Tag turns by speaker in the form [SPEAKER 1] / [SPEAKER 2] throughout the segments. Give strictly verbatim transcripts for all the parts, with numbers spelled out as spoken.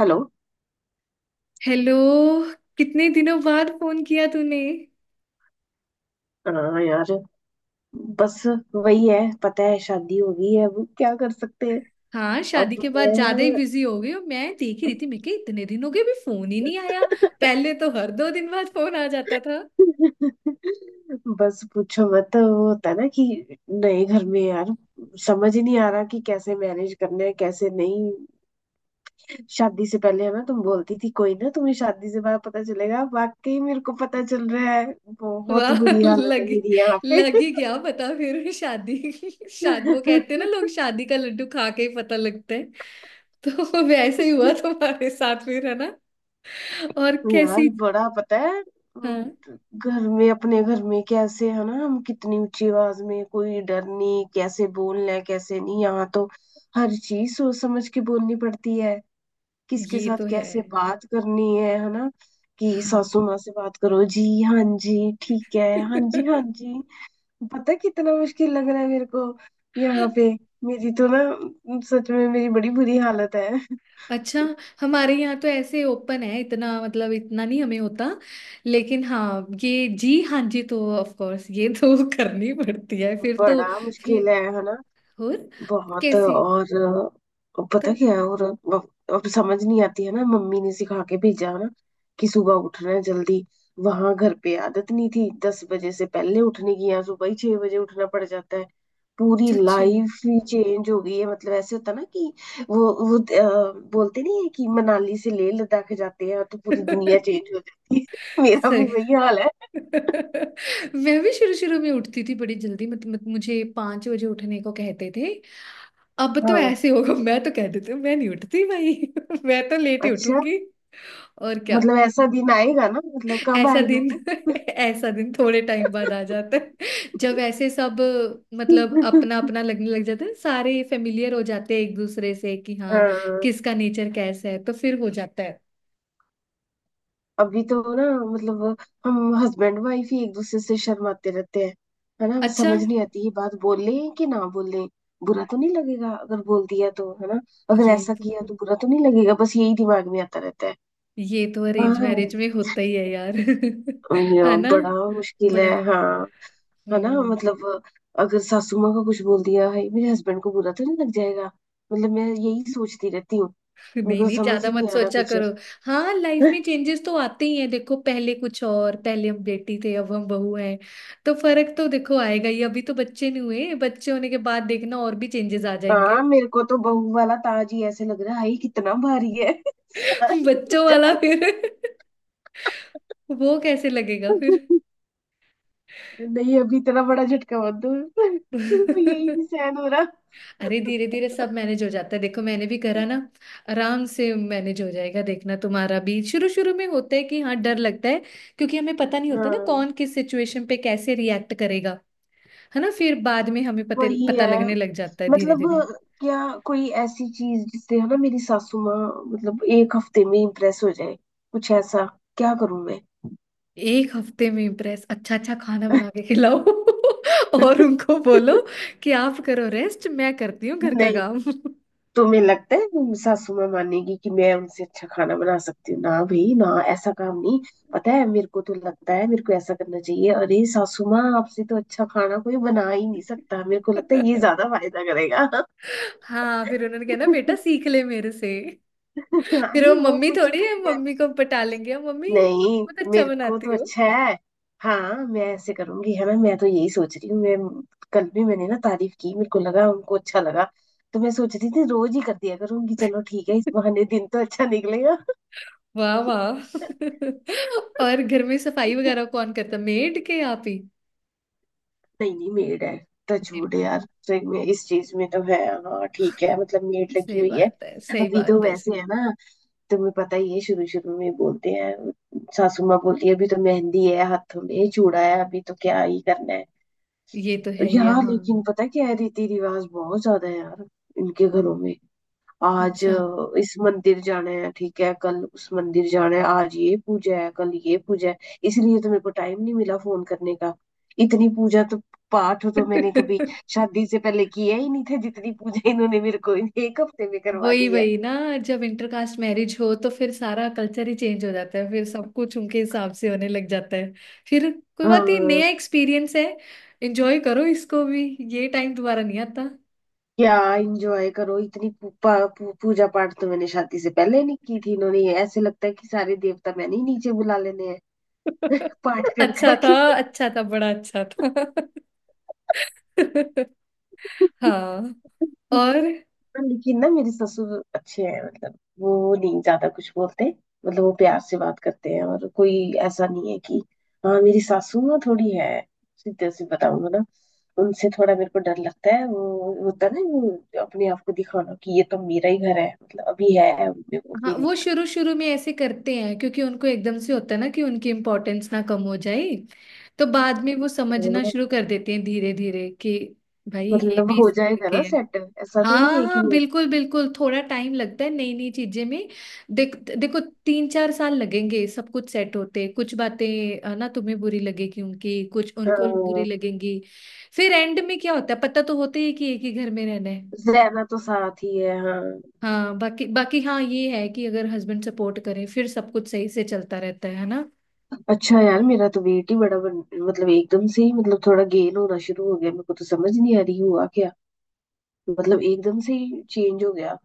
[SPEAKER 1] Hello.
[SPEAKER 2] Hello. कितने दिनों बाद फोन किया तूने।
[SPEAKER 1] अ, यार बस वही है, पता है शादी हो गई है, अब क्या कर सकते हैं।
[SPEAKER 2] हाँ, शादी
[SPEAKER 1] अब
[SPEAKER 2] के बाद ज्यादा ही
[SPEAKER 1] मैं
[SPEAKER 2] बिजी हो गई हूँ। मैं देख ही रही थी मैं कि इतने दिन हो गए, अभी फोन ही नहीं आया। पहले तो हर दो दिन बाद फोन आ जाता था।
[SPEAKER 1] बस पूछो मत। वो होता है ना कि नए घर में यार समझ ही नहीं आ रहा कि कैसे मैनेज करना है कैसे नहीं। शादी से पहले है ना तुम बोलती थी कोई ना तुम्हें शादी से बाद पता चलेगा, वाकई मेरे को पता चल रहा है। बहुत
[SPEAKER 2] वाह।
[SPEAKER 1] बुरी हालत है
[SPEAKER 2] लगी
[SPEAKER 1] मेरी यहाँ पे।
[SPEAKER 2] लगी क्या पता फिर शादी। शादी वो कहते हैं ना, लोग शादी का लड्डू खा के ही पता लगता है। तो वैसे ही हुआ तुम्हारे साथ फिर, है ना। और
[SPEAKER 1] यार
[SPEAKER 2] कैसी।
[SPEAKER 1] बड़ा, पता है, अम,
[SPEAKER 2] हाँ,
[SPEAKER 1] घर में अपने घर में कैसे है ना, हम कितनी ऊंची आवाज में, कोई डर नहीं कैसे बोलना है कैसे नहीं। यहाँ तो हर चीज सोच समझ के बोलनी पड़ती है। किसके
[SPEAKER 2] ये
[SPEAKER 1] साथ
[SPEAKER 2] तो है।
[SPEAKER 1] कैसे बात करनी है है ना। कि
[SPEAKER 2] हाँ।
[SPEAKER 1] सासू माँ से बात करो, जी हाँ जी ठीक है, हाँ जी हाँ जी। पता है कितना मुश्किल लग रहा है मेरे को यहाँ पे। मेरी तो ना सच में मेरी बड़ी बुरी हालत है।
[SPEAKER 2] अच्छा। हमारे यहाँ तो ऐसे ओपन है, इतना मतलब इतना नहीं हमें होता। लेकिन हाँ, ये जी हाँ जी तो ऑफ कोर्स, ये तो करनी पड़ती है फिर तो।
[SPEAKER 1] बड़ा
[SPEAKER 2] फिर
[SPEAKER 1] मुश्किल है है ना।
[SPEAKER 2] और
[SPEAKER 1] बहुत।
[SPEAKER 2] कैसी।
[SPEAKER 1] और अ, पता
[SPEAKER 2] तब।
[SPEAKER 1] क्या है, और अब अब समझ नहीं आती है ना, मम्मी ने सिखा के भेजा है ना कि सुबह उठना है जल्दी। वहां घर पे आदत नहीं थी दस बजे से पहले उठने की, यहाँ सुबह ही छह बजे उठना पड़ जाता है। पूरी
[SPEAKER 2] अच्छी हूँ।
[SPEAKER 1] लाइफ ही चेंज हो गई है। मतलब ऐसे होता ना कि वो वो अ, बोलते नहीं है कि मनाली से लेह लद्दाख जाते हैं तो पूरी दुनिया चेंज हो जाती है, मेरा भी
[SPEAKER 2] सही।
[SPEAKER 1] वही हाल है।
[SPEAKER 2] मैं भी शुरू शुरू में उठती थी बड़ी जल्दी। मत, मत मुझे पांच बजे उठने को कहते थे। अब तो
[SPEAKER 1] हाँ।
[SPEAKER 2] ऐसे होगा, मैं तो कह देती हूँ, मैं नहीं उठती भाई। मैं तो लेट ही
[SPEAKER 1] अच्छा।
[SPEAKER 2] उठूंगी। और क्या।
[SPEAKER 1] मतलब ऐसा दिन आएगा ना, मतलब कब
[SPEAKER 2] ऐसा
[SPEAKER 1] आएगा।
[SPEAKER 2] दिन। ऐसा दिन थोड़े टाइम बाद आ जाता है, जब ऐसे सब, मतलब
[SPEAKER 1] वो
[SPEAKER 2] अपना अपना लगने लग जाता है, सारे फेमिलियर हो जाते हैं एक दूसरे से कि हाँ
[SPEAKER 1] हाँ।
[SPEAKER 2] किसका नेचर कैसा है, तो फिर हो जाता है।
[SPEAKER 1] अभी तो ना, मतलब हम हस्बैंड वाइफ ही एक दूसरे से शर्माते रहते हैं, है ना।
[SPEAKER 2] अच्छा।
[SPEAKER 1] समझ नहीं आती ये बात बोल लें कि ना बोल लें। बुरा तो नहीं लगेगा अगर बोल दिया तो, है ना। अगर
[SPEAKER 2] ये
[SPEAKER 1] ऐसा
[SPEAKER 2] तो
[SPEAKER 1] किया तो बुरा तो नहीं लगेगा, बस यही दिमाग में आता रहता है।
[SPEAKER 2] ये तो अरेंज
[SPEAKER 1] हाँ।
[SPEAKER 2] मैरिज में होता ही है यार।
[SPEAKER 1] ये
[SPEAKER 2] है ना।
[SPEAKER 1] बड़ा मुश्किल
[SPEAKER 2] बड़ा।
[SPEAKER 1] है, हाँ। है ना,
[SPEAKER 2] हम्म।
[SPEAKER 1] मतलब अगर सासू माँ को कुछ बोल दिया, है मेरे हस्बैंड को बुरा तो नहीं लग जाएगा। मतलब मैं यही सोचती रहती हूँ। मेरे
[SPEAKER 2] नहीं
[SPEAKER 1] को तो
[SPEAKER 2] नहीं,
[SPEAKER 1] समझ
[SPEAKER 2] ज्यादा
[SPEAKER 1] ही नहीं
[SPEAKER 2] मत
[SPEAKER 1] आ रहा
[SPEAKER 2] सोचा
[SPEAKER 1] कुछ।
[SPEAKER 2] करो। हाँ, लाइफ में चेंजेस तो आते ही हैं। देखो, पहले कुछ और, पहले हम बेटी थे, अब हम बहू हैं। तो फर्क तो देखो आएगा ही। अभी तो बच्चे नहीं हुए, बच्चे होने के बाद देखना और भी चेंजेस आ
[SPEAKER 1] हाँ।
[SPEAKER 2] जाएंगे।
[SPEAKER 1] मेरे को तो बहू वाला ताज ही ऐसे लग रहा है, "हाय, कितना भारी है" सारी
[SPEAKER 2] बच्चों वाला
[SPEAKER 1] जान।
[SPEAKER 2] फिर। वो कैसे लगेगा फिर।
[SPEAKER 1] नहीं अभी इतना बड़ा झटका मत दो, यही नहीं सहन हो रहा।
[SPEAKER 2] अरे धीरे धीरे सब मैनेज हो जाता है। देखो मैंने भी करा ना, आराम से मैनेज हो जाएगा देखना। तुम्हारा भी शुरू शुरू में होता है कि हाँ डर लगता है, क्योंकि हमें पता नहीं होता ना
[SPEAKER 1] हाँ।
[SPEAKER 2] कौन किस सिचुएशन पे कैसे रिएक्ट करेगा। है ना। फिर बाद में हमें पते
[SPEAKER 1] वही
[SPEAKER 2] पता
[SPEAKER 1] है
[SPEAKER 2] लगने लग जाता है धीरे
[SPEAKER 1] मतलब।
[SPEAKER 2] धीरे।
[SPEAKER 1] क्या कोई ऐसी चीज जिससे है ना, मेरी सासू माँ मतलब एक हफ्ते में इम्प्रेस हो जाए, कुछ ऐसा क्या करूं मैं।
[SPEAKER 2] एक हफ्ते में इम्प्रेस। अच्छा अच्छा खाना बना के खिलाओ। और उनको बोलो कि आप करो रेस्ट, मैं करती हूँ घर का
[SPEAKER 1] नहीं,
[SPEAKER 2] काम।
[SPEAKER 1] तुम्हें लगता है मेरी सासू माँ मानेगी कि मैं उनसे अच्छा खाना बना सकती हूँ? ना भाई ना, ऐसा काम नहीं। पता है मेरे को तो लगता है, मेरे को ऐसा करना चाहिए, अरे सासू माँ आपसे तो अच्छा खाना कोई बना ही नहीं सकता, मेरे को लगता है ये ज्यादा फायदा करेगा।
[SPEAKER 2] हाँ, फिर उन्होंने कहा ना बेटा सीख ले मेरे से।
[SPEAKER 1] हाँ,
[SPEAKER 2] फिर वो
[SPEAKER 1] नहीं वो
[SPEAKER 2] मम्मी
[SPEAKER 1] कुछ
[SPEAKER 2] थोड़ी है,
[SPEAKER 1] करना
[SPEAKER 2] मम्मी को पटा लेंगे, मम्मी आप
[SPEAKER 1] नहीं।
[SPEAKER 2] बहुत अच्छा
[SPEAKER 1] मेरे को तो
[SPEAKER 2] बनाती हो।
[SPEAKER 1] अच्छा है। हाँ मैं ऐसे करूंगी है ना, मैं तो यही सोच रही हूँ। मैं कल भी मैंने ना तारीफ की, मेरे को लगा उनको अच्छा लगा, तो मैं सोच रही थी रोज ही कर दिया करूंगी। चलो ठीक है, इस बहाने दिन तो अच्छा निकलेगा।
[SPEAKER 2] वाह वाह। और घर में सफाई वगैरह कौन करता, मेड के आप ही।
[SPEAKER 1] नहीं नहीं मेड है,
[SPEAKER 2] मेड
[SPEAKER 1] टचवुड
[SPEAKER 2] करते।
[SPEAKER 1] यार। सही में इस चीज में तो है। हाँ ठीक है, मतलब मेड लगी
[SPEAKER 2] सही
[SPEAKER 1] हुई है।
[SPEAKER 2] बात है, सही
[SPEAKER 1] अभी तो
[SPEAKER 2] बात है सही।
[SPEAKER 1] वैसे है ना, तुम्हें पता ही है शुरू शुरू में बोलते हैं, सासू माँ बोलती है अभी तो मेहंदी है हाथों में, चूड़ा है, अभी तो क्या ही करना है।
[SPEAKER 2] ये तो है ही है,
[SPEAKER 1] यहाँ
[SPEAKER 2] हाँ।
[SPEAKER 1] लेकिन पता है क्या है, रीति रिवाज बहुत ज्यादा है यार इनके घरों में। आज
[SPEAKER 2] अच्छा।
[SPEAKER 1] अ, इस मंदिर जाना है, ठीक है कल उस मंदिर जाना है, आज ये पूजा है कल ये पूजा है। इसलिए तो मेरे को टाइम नहीं मिला फोन करने का। इतनी पूजा तो, पाठ तो मैंने कभी शादी से पहले किया ही नहीं था, जितनी पूजा इन्होंने मेरे को इन- एक हफ्ते में करवा
[SPEAKER 2] वही
[SPEAKER 1] दी है।
[SPEAKER 2] वही ना। जब इंटरकास्ट मैरिज हो तो फिर सारा कल्चर ही चेंज हो जाता है, फिर सब कुछ उनके हिसाब से होने लग जाता है। फिर कोई बात नहीं,
[SPEAKER 1] हाँ।
[SPEAKER 2] नया एक्सपीरियंस है, एंजॉय करो इसको भी। ये टाइम दोबारा नहीं आता।
[SPEAKER 1] क्या एंजॉय करो, इतनी पू, पा, पू, पूजा पाठ तो मैंने शादी से पहले नहीं की थी, इन्होंने ये ऐसे लगता है कि सारे देवता मैंने ही नीचे बुला लेने हैं पाठ कर
[SPEAKER 2] अच्छा था।
[SPEAKER 1] करके।
[SPEAKER 2] अच्छा था, बड़ा अच्छा था। हाँ। और।
[SPEAKER 1] पर लेकिन ना मेरे ससुर अच्छे हैं, मतलब वो नहीं ज्यादा कुछ बोलते, मतलब वो प्यार से बात करते हैं, और कोई ऐसा नहीं है कि। हाँ मेरी सासू ना थोड़ी है, सीधे से बताऊंगा ना, उनसे थोड़ा मेरे को डर लगता है। वो होता है ना, वो अपने आप को दिखाना कि ये तो मेरा ही घर है, मतलब अभी है उनमें वो
[SPEAKER 2] हाँ, वो
[SPEAKER 1] फीलिंग।
[SPEAKER 2] शुरू शुरू में ऐसे करते हैं क्योंकि उनको एकदम से होता है ना कि उनकी इम्पोर्टेंस ना कम हो जाए। तो बाद में वो समझना
[SPEAKER 1] हाँ,
[SPEAKER 2] शुरू कर देते हैं धीरे धीरे कि भाई ये
[SPEAKER 1] मतलब
[SPEAKER 2] भी
[SPEAKER 1] हो
[SPEAKER 2] इसी
[SPEAKER 1] जाएगा
[SPEAKER 2] करके
[SPEAKER 1] ना
[SPEAKER 2] है।
[SPEAKER 1] सेट, ऐसा तो
[SPEAKER 2] हाँ
[SPEAKER 1] नहीं है
[SPEAKER 2] हाँ
[SPEAKER 1] कि मैं।
[SPEAKER 2] बिल्कुल बिल्कुल, थोड़ा टाइम लगता है नई नई चीजें में। देख देखो तीन चार साल लगेंगे सब कुछ सेट होते, कुछ बातें है ना तुम्हें बुरी लगेगी, उनकी कुछ उनको बुरी
[SPEAKER 1] हाँ
[SPEAKER 2] लगेंगी। फिर एंड में क्या होता है, पता तो होता ही है कि एक ही घर में रहना है।
[SPEAKER 1] रहना तो साथ ही है हाँ।
[SPEAKER 2] हाँ, बाकी बाकी हाँ ये है कि अगर हस्बैंड सपोर्ट करे फिर सब कुछ सही से चलता रहता है है ना।
[SPEAKER 1] अच्छा यार मेरा तो वेट ही बड़ा बन, मतलब एकदम से ही, मतलब थोड़ा गेन होना शुरू हो गया, मेरे को तो समझ नहीं आ रही हुआ क्या, मतलब एकदम से ही चेंज हो गया।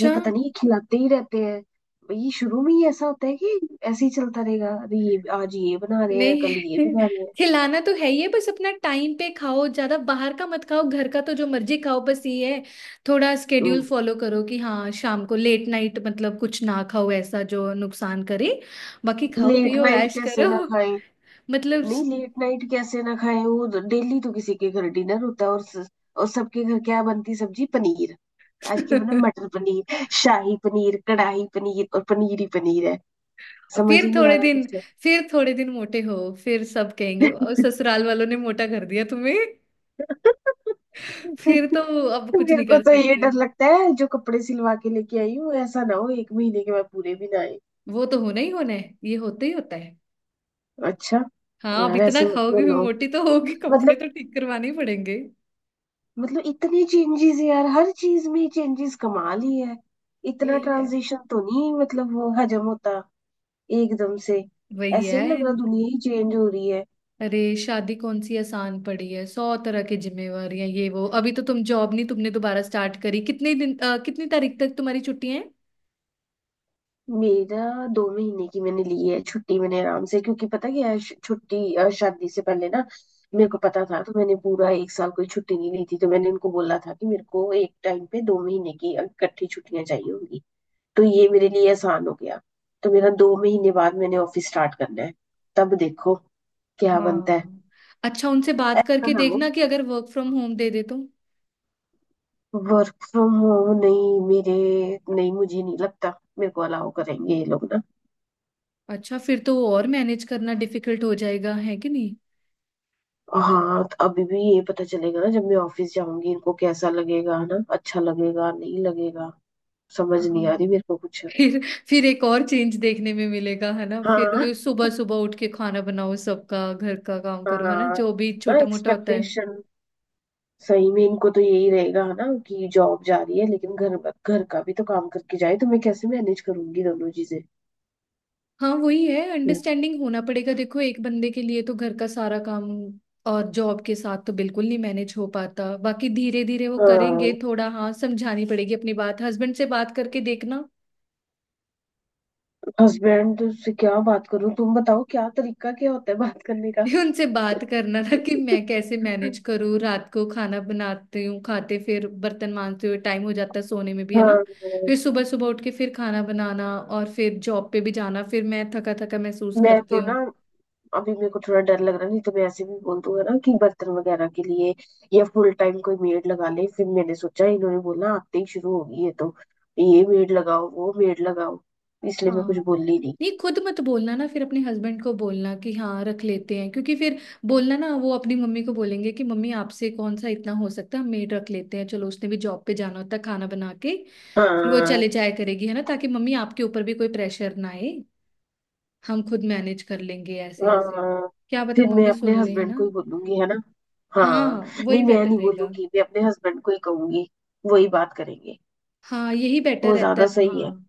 [SPEAKER 1] ये पता नहीं, ये खिलाते ही रहते हैं, ये शुरू में ही ऐसा होता है कि ऐसे ही चलता रहेगा, अरे ये आज ये बना रहे हैं कल ये
[SPEAKER 2] नहीं।
[SPEAKER 1] बना रहे
[SPEAKER 2] खिलाना तो है ही है, बस अपना टाइम पे खाओ, ज्यादा बाहर का मत खाओ, घर का तो जो मर्जी खाओ, बस ये है। थोड़ा
[SPEAKER 1] हैं।
[SPEAKER 2] स्केड्यूल फॉलो करो कि हाँ शाम को लेट नाइट मतलब कुछ ना खाओ ऐसा जो नुकसान करे। बाकी खाओ
[SPEAKER 1] लेट
[SPEAKER 2] पियो
[SPEAKER 1] नाइट
[SPEAKER 2] ऐश
[SPEAKER 1] कैसे
[SPEAKER 2] करो।
[SPEAKER 1] ना खाएं?
[SPEAKER 2] मतलब।
[SPEAKER 1] नहीं लेट नाइट कैसे ना खाए, वो डेली तो किसी के घर डिनर होता है, और स- और सबके घर क्या बनती, सब्जी पनीर, आज के बना मटर पनीर शाही पनीर कढ़ाई पनीर और पनीर ही पनीर है। समझ
[SPEAKER 2] फिर
[SPEAKER 1] ही नहीं आ
[SPEAKER 2] थोड़े
[SPEAKER 1] रहा
[SPEAKER 2] दिन।
[SPEAKER 1] कुछ।
[SPEAKER 2] फिर थोड़े दिन मोटे हो, फिर सब कहेंगे "वाह, ससुराल वालों ने मोटा कर दिया तुम्हें"। फिर तो अब कुछ
[SPEAKER 1] मेरे
[SPEAKER 2] नहीं
[SPEAKER 1] को
[SPEAKER 2] कर
[SPEAKER 1] तो ये
[SPEAKER 2] सकते।
[SPEAKER 1] डर लगता है जो कपड़े सिलवा के लेके आई हूँ, ऐसा ना हो एक महीने के बाद पूरे भी ना आए।
[SPEAKER 2] वो तो होना ही होना है, ये होता ही होता है।
[SPEAKER 1] अच्छा।
[SPEAKER 2] हाँ, अब
[SPEAKER 1] यार
[SPEAKER 2] इतना
[SPEAKER 1] ऐसे मत
[SPEAKER 2] खाओगी फिर
[SPEAKER 1] बोलो,
[SPEAKER 2] मोटी तो होगी, कपड़े
[SPEAKER 1] मतलब
[SPEAKER 2] तो ठीक करवाने ही पड़ेंगे।
[SPEAKER 1] मतलब इतने चेंजेस यार, हर चीज में चेंजेस कमाल ही है, इतना
[SPEAKER 2] यही है।
[SPEAKER 1] ट्रांजिशन तो नहीं मतलब वो हजम होता एकदम से।
[SPEAKER 2] वही
[SPEAKER 1] ऐसे
[SPEAKER 2] है।
[SPEAKER 1] नहीं लग रहा दुनिया ही चेंज हो रही है।
[SPEAKER 2] अरे शादी कौन सी आसान पड़ी है, सौ तरह की जिम्मेवारियां, ये वो, अभी तो तुम जॉब नहीं, तुमने दोबारा स्टार्ट करी। कितने दिन, अ, कितनी तारीख तक तुम्हारी छुट्टियां हैं।
[SPEAKER 1] मेरा दो महीने की मैंने ली है छुट्टी, मैंने आराम से, क्योंकि पता क्या है, श- छुट्टी अ, शादी से पहले ना मेरे को पता था, तो मैंने पूरा एक साल कोई छुट्टी नहीं ली थी, तो मैंने उनको बोला था कि मेरे को एक टाइम पे दो महीने की इकट्ठी छुट्टियां चाहिए होंगी, तो ये मेरे लिए आसान हो गया। तो मेरा दो महीने बाद मैंने ऑफिस स्टार्ट करना है, तब देखो क्या बनता है।
[SPEAKER 2] हाँ। अच्छा, उनसे बात
[SPEAKER 1] ऐसा
[SPEAKER 2] करके
[SPEAKER 1] ना हो।
[SPEAKER 2] देखना कि अगर वर्क फ्रॉम होम दे दे तो।
[SPEAKER 1] वर्क फ्रॉम होम नहीं मेरे, नहीं मुझे नहीं लगता मेरे को अलाउ करेंगे ये लोग ना।
[SPEAKER 2] अच्छा, फिर तो और मैनेज करना डिफिकल्ट हो जाएगा, है कि नहीं।
[SPEAKER 1] हाँ तो अभी भी ये पता चलेगा ना जब मैं ऑफिस जाऊंगी, इनको कैसा लगेगा ना, अच्छा लगेगा नहीं लगेगा। समझ नहीं
[SPEAKER 2] हाँ।
[SPEAKER 1] आ रही मेरे को कुछ।
[SPEAKER 2] फिर। फिर एक और चेंज देखने में मिलेगा है ना,
[SPEAKER 1] हाँ।
[SPEAKER 2] फिर सुबह सुबह उठ के खाना बनाओ, सबका घर का काम करो, है ना,
[SPEAKER 1] हाँ
[SPEAKER 2] जो भी
[SPEAKER 1] ना,
[SPEAKER 2] छोटा मोटा होता है।
[SPEAKER 1] एक्सपेक्टेशन सही में इनको तो यही रहेगा ना कि जॉब जा रही है, लेकिन घर, घर का भी तो काम करके जाए, तो मैं कैसे मैनेज करूंगी दोनों चीजें।
[SPEAKER 2] हाँ, वही है, अंडरस्टैंडिंग होना पड़ेगा। देखो एक बंदे के लिए तो घर का सारा काम और जॉब के साथ तो बिल्कुल नहीं मैनेज हो पाता, बाकी धीरे धीरे वो करेंगे।
[SPEAKER 1] हाँ।
[SPEAKER 2] थोड़ा हाँ समझानी पड़ेगी अपनी बात, हस्बैंड से बात करके देखना।
[SPEAKER 1] हस्बैंड से क्या बात करूं, तुम बताओ क्या तरीका क्या होता है बात करने का।
[SPEAKER 2] फिर उनसे बात करना था कि मैं कैसे मैनेज करूँ, रात को खाना बनाती हूँ, खाते फिर बर्तन मांजते हुए टाइम हो जाता है सोने में भी, है ना।
[SPEAKER 1] हाँ।
[SPEAKER 2] फिर सुबह सुबह उठ के फिर खाना बनाना और फिर जॉब पे भी जाना, फिर मैं थका थका महसूस
[SPEAKER 1] मैं
[SPEAKER 2] करती
[SPEAKER 1] तो ना
[SPEAKER 2] हूँ।
[SPEAKER 1] अभी मेरे को थोड़ा डर लग रहा है, नहीं तो मैं ऐसे भी बोल दूंगा ना कि बर्तन वगैरह के लिए या फुल टाइम कोई मेड लगा ले, फिर मैंने सोचा इन्होंने बोला आते ही शुरू होगी ये तो, ये मेड लगाओ वो मेड लगाओ, इसलिए मैं कुछ
[SPEAKER 2] हाँ,
[SPEAKER 1] बोली नहीं।
[SPEAKER 2] नहीं खुद मत बोलना ना, फिर अपने हस्बैंड को बोलना कि हाँ रख लेते हैं, क्योंकि फिर बोलना ना वो अपनी मम्मी को बोलेंगे कि मम्मी आपसे कौन सा इतना हो सकता है, हम मेड रख लेते हैं, चलो उसने भी जॉब पे जाना होता है, खाना बना के फिर वो
[SPEAKER 1] हाँ।
[SPEAKER 2] चले जाया करेगी, है ना, ताकि मम्मी आपके ऊपर भी कोई प्रेशर ना आए, हम खुद मैनेज कर लेंगे ऐसे ऐसे।
[SPEAKER 1] हाँ
[SPEAKER 2] क्या पता
[SPEAKER 1] फिर मैं
[SPEAKER 2] मम्मी
[SPEAKER 1] अपने
[SPEAKER 2] सुन ले, है
[SPEAKER 1] हस्बैंड
[SPEAKER 2] ना।
[SPEAKER 1] को ही बोलूंगी है ना। हाँ।
[SPEAKER 2] हाँ
[SPEAKER 1] नहीं
[SPEAKER 2] वही
[SPEAKER 1] मैं
[SPEAKER 2] बेटर
[SPEAKER 1] नहीं
[SPEAKER 2] रहेगा।
[SPEAKER 1] बोलूंगी, मैं अपने हस्बैंड को ही कहूंगी, वही बात करेंगे,
[SPEAKER 2] हाँ यही बेटर
[SPEAKER 1] वो
[SPEAKER 2] रहता है,
[SPEAKER 1] ज्यादा सही है।
[SPEAKER 2] हाँ।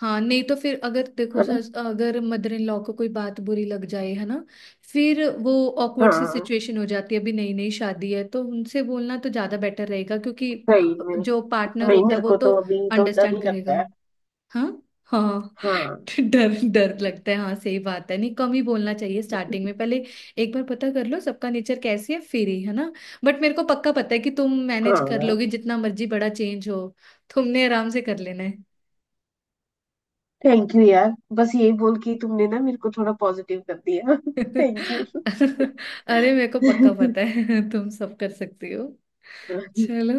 [SPEAKER 2] हाँ नहीं तो फिर अगर देखो,
[SPEAKER 1] है ना।
[SPEAKER 2] सस- अगर मदर इन लॉ को कोई बात बुरी लग जाए है ना, फिर वो ऑकवर्ड सी
[SPEAKER 1] हाँ
[SPEAKER 2] सिचुएशन हो जाती है। अभी नई नई शादी है, तो उनसे बोलना तो ज्यादा बेटर रहेगा क्योंकि
[SPEAKER 1] सही
[SPEAKER 2] कप-
[SPEAKER 1] में।
[SPEAKER 2] जो पार्टनर
[SPEAKER 1] नहीं
[SPEAKER 2] होता है
[SPEAKER 1] मेरे
[SPEAKER 2] वो
[SPEAKER 1] को
[SPEAKER 2] तो
[SPEAKER 1] तो अभी तो डर
[SPEAKER 2] अंडरस्टैंड
[SPEAKER 1] ही लगता
[SPEAKER 2] करेगा।
[SPEAKER 1] है।
[SPEAKER 2] हाँ। हाँ हाँ।
[SPEAKER 1] हाँ।
[SPEAKER 2] डर डर लगता है हाँ सही बात है। नहीं कम ही बोलना चाहिए स्टार्टिंग में, पहले एक बार पता कर लो सबका नेचर कैसी है फिर ही, है ना। बट मेरे को पक्का पता है कि तुम मैनेज कर
[SPEAKER 1] हाँ।
[SPEAKER 2] लोगी, जितना मर्जी बड़ा चेंज हो तुमने आराम से कर लेना है।
[SPEAKER 1] थैंक यू यार, बस यही बोल के तुमने ना मेरे को थोड़ा पॉजिटिव कर दिया, थैंक यू।
[SPEAKER 2] अरे मेरे को पक्का पता है। तुम सब कर सकती हो। चलो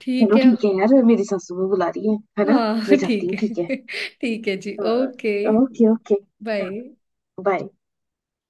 [SPEAKER 2] ठीक
[SPEAKER 1] चलो
[SPEAKER 2] है।
[SPEAKER 1] ठीक है यार मेरी सासू माँ बुला रही है है ना। मैं
[SPEAKER 2] हाँ
[SPEAKER 1] जाती
[SPEAKER 2] ठीक
[SPEAKER 1] हूँ ठीक है।
[SPEAKER 2] है। ठीक है जी, ओके।
[SPEAKER 1] हाँ ओके ओके।
[SPEAKER 2] बाय।
[SPEAKER 1] बाय।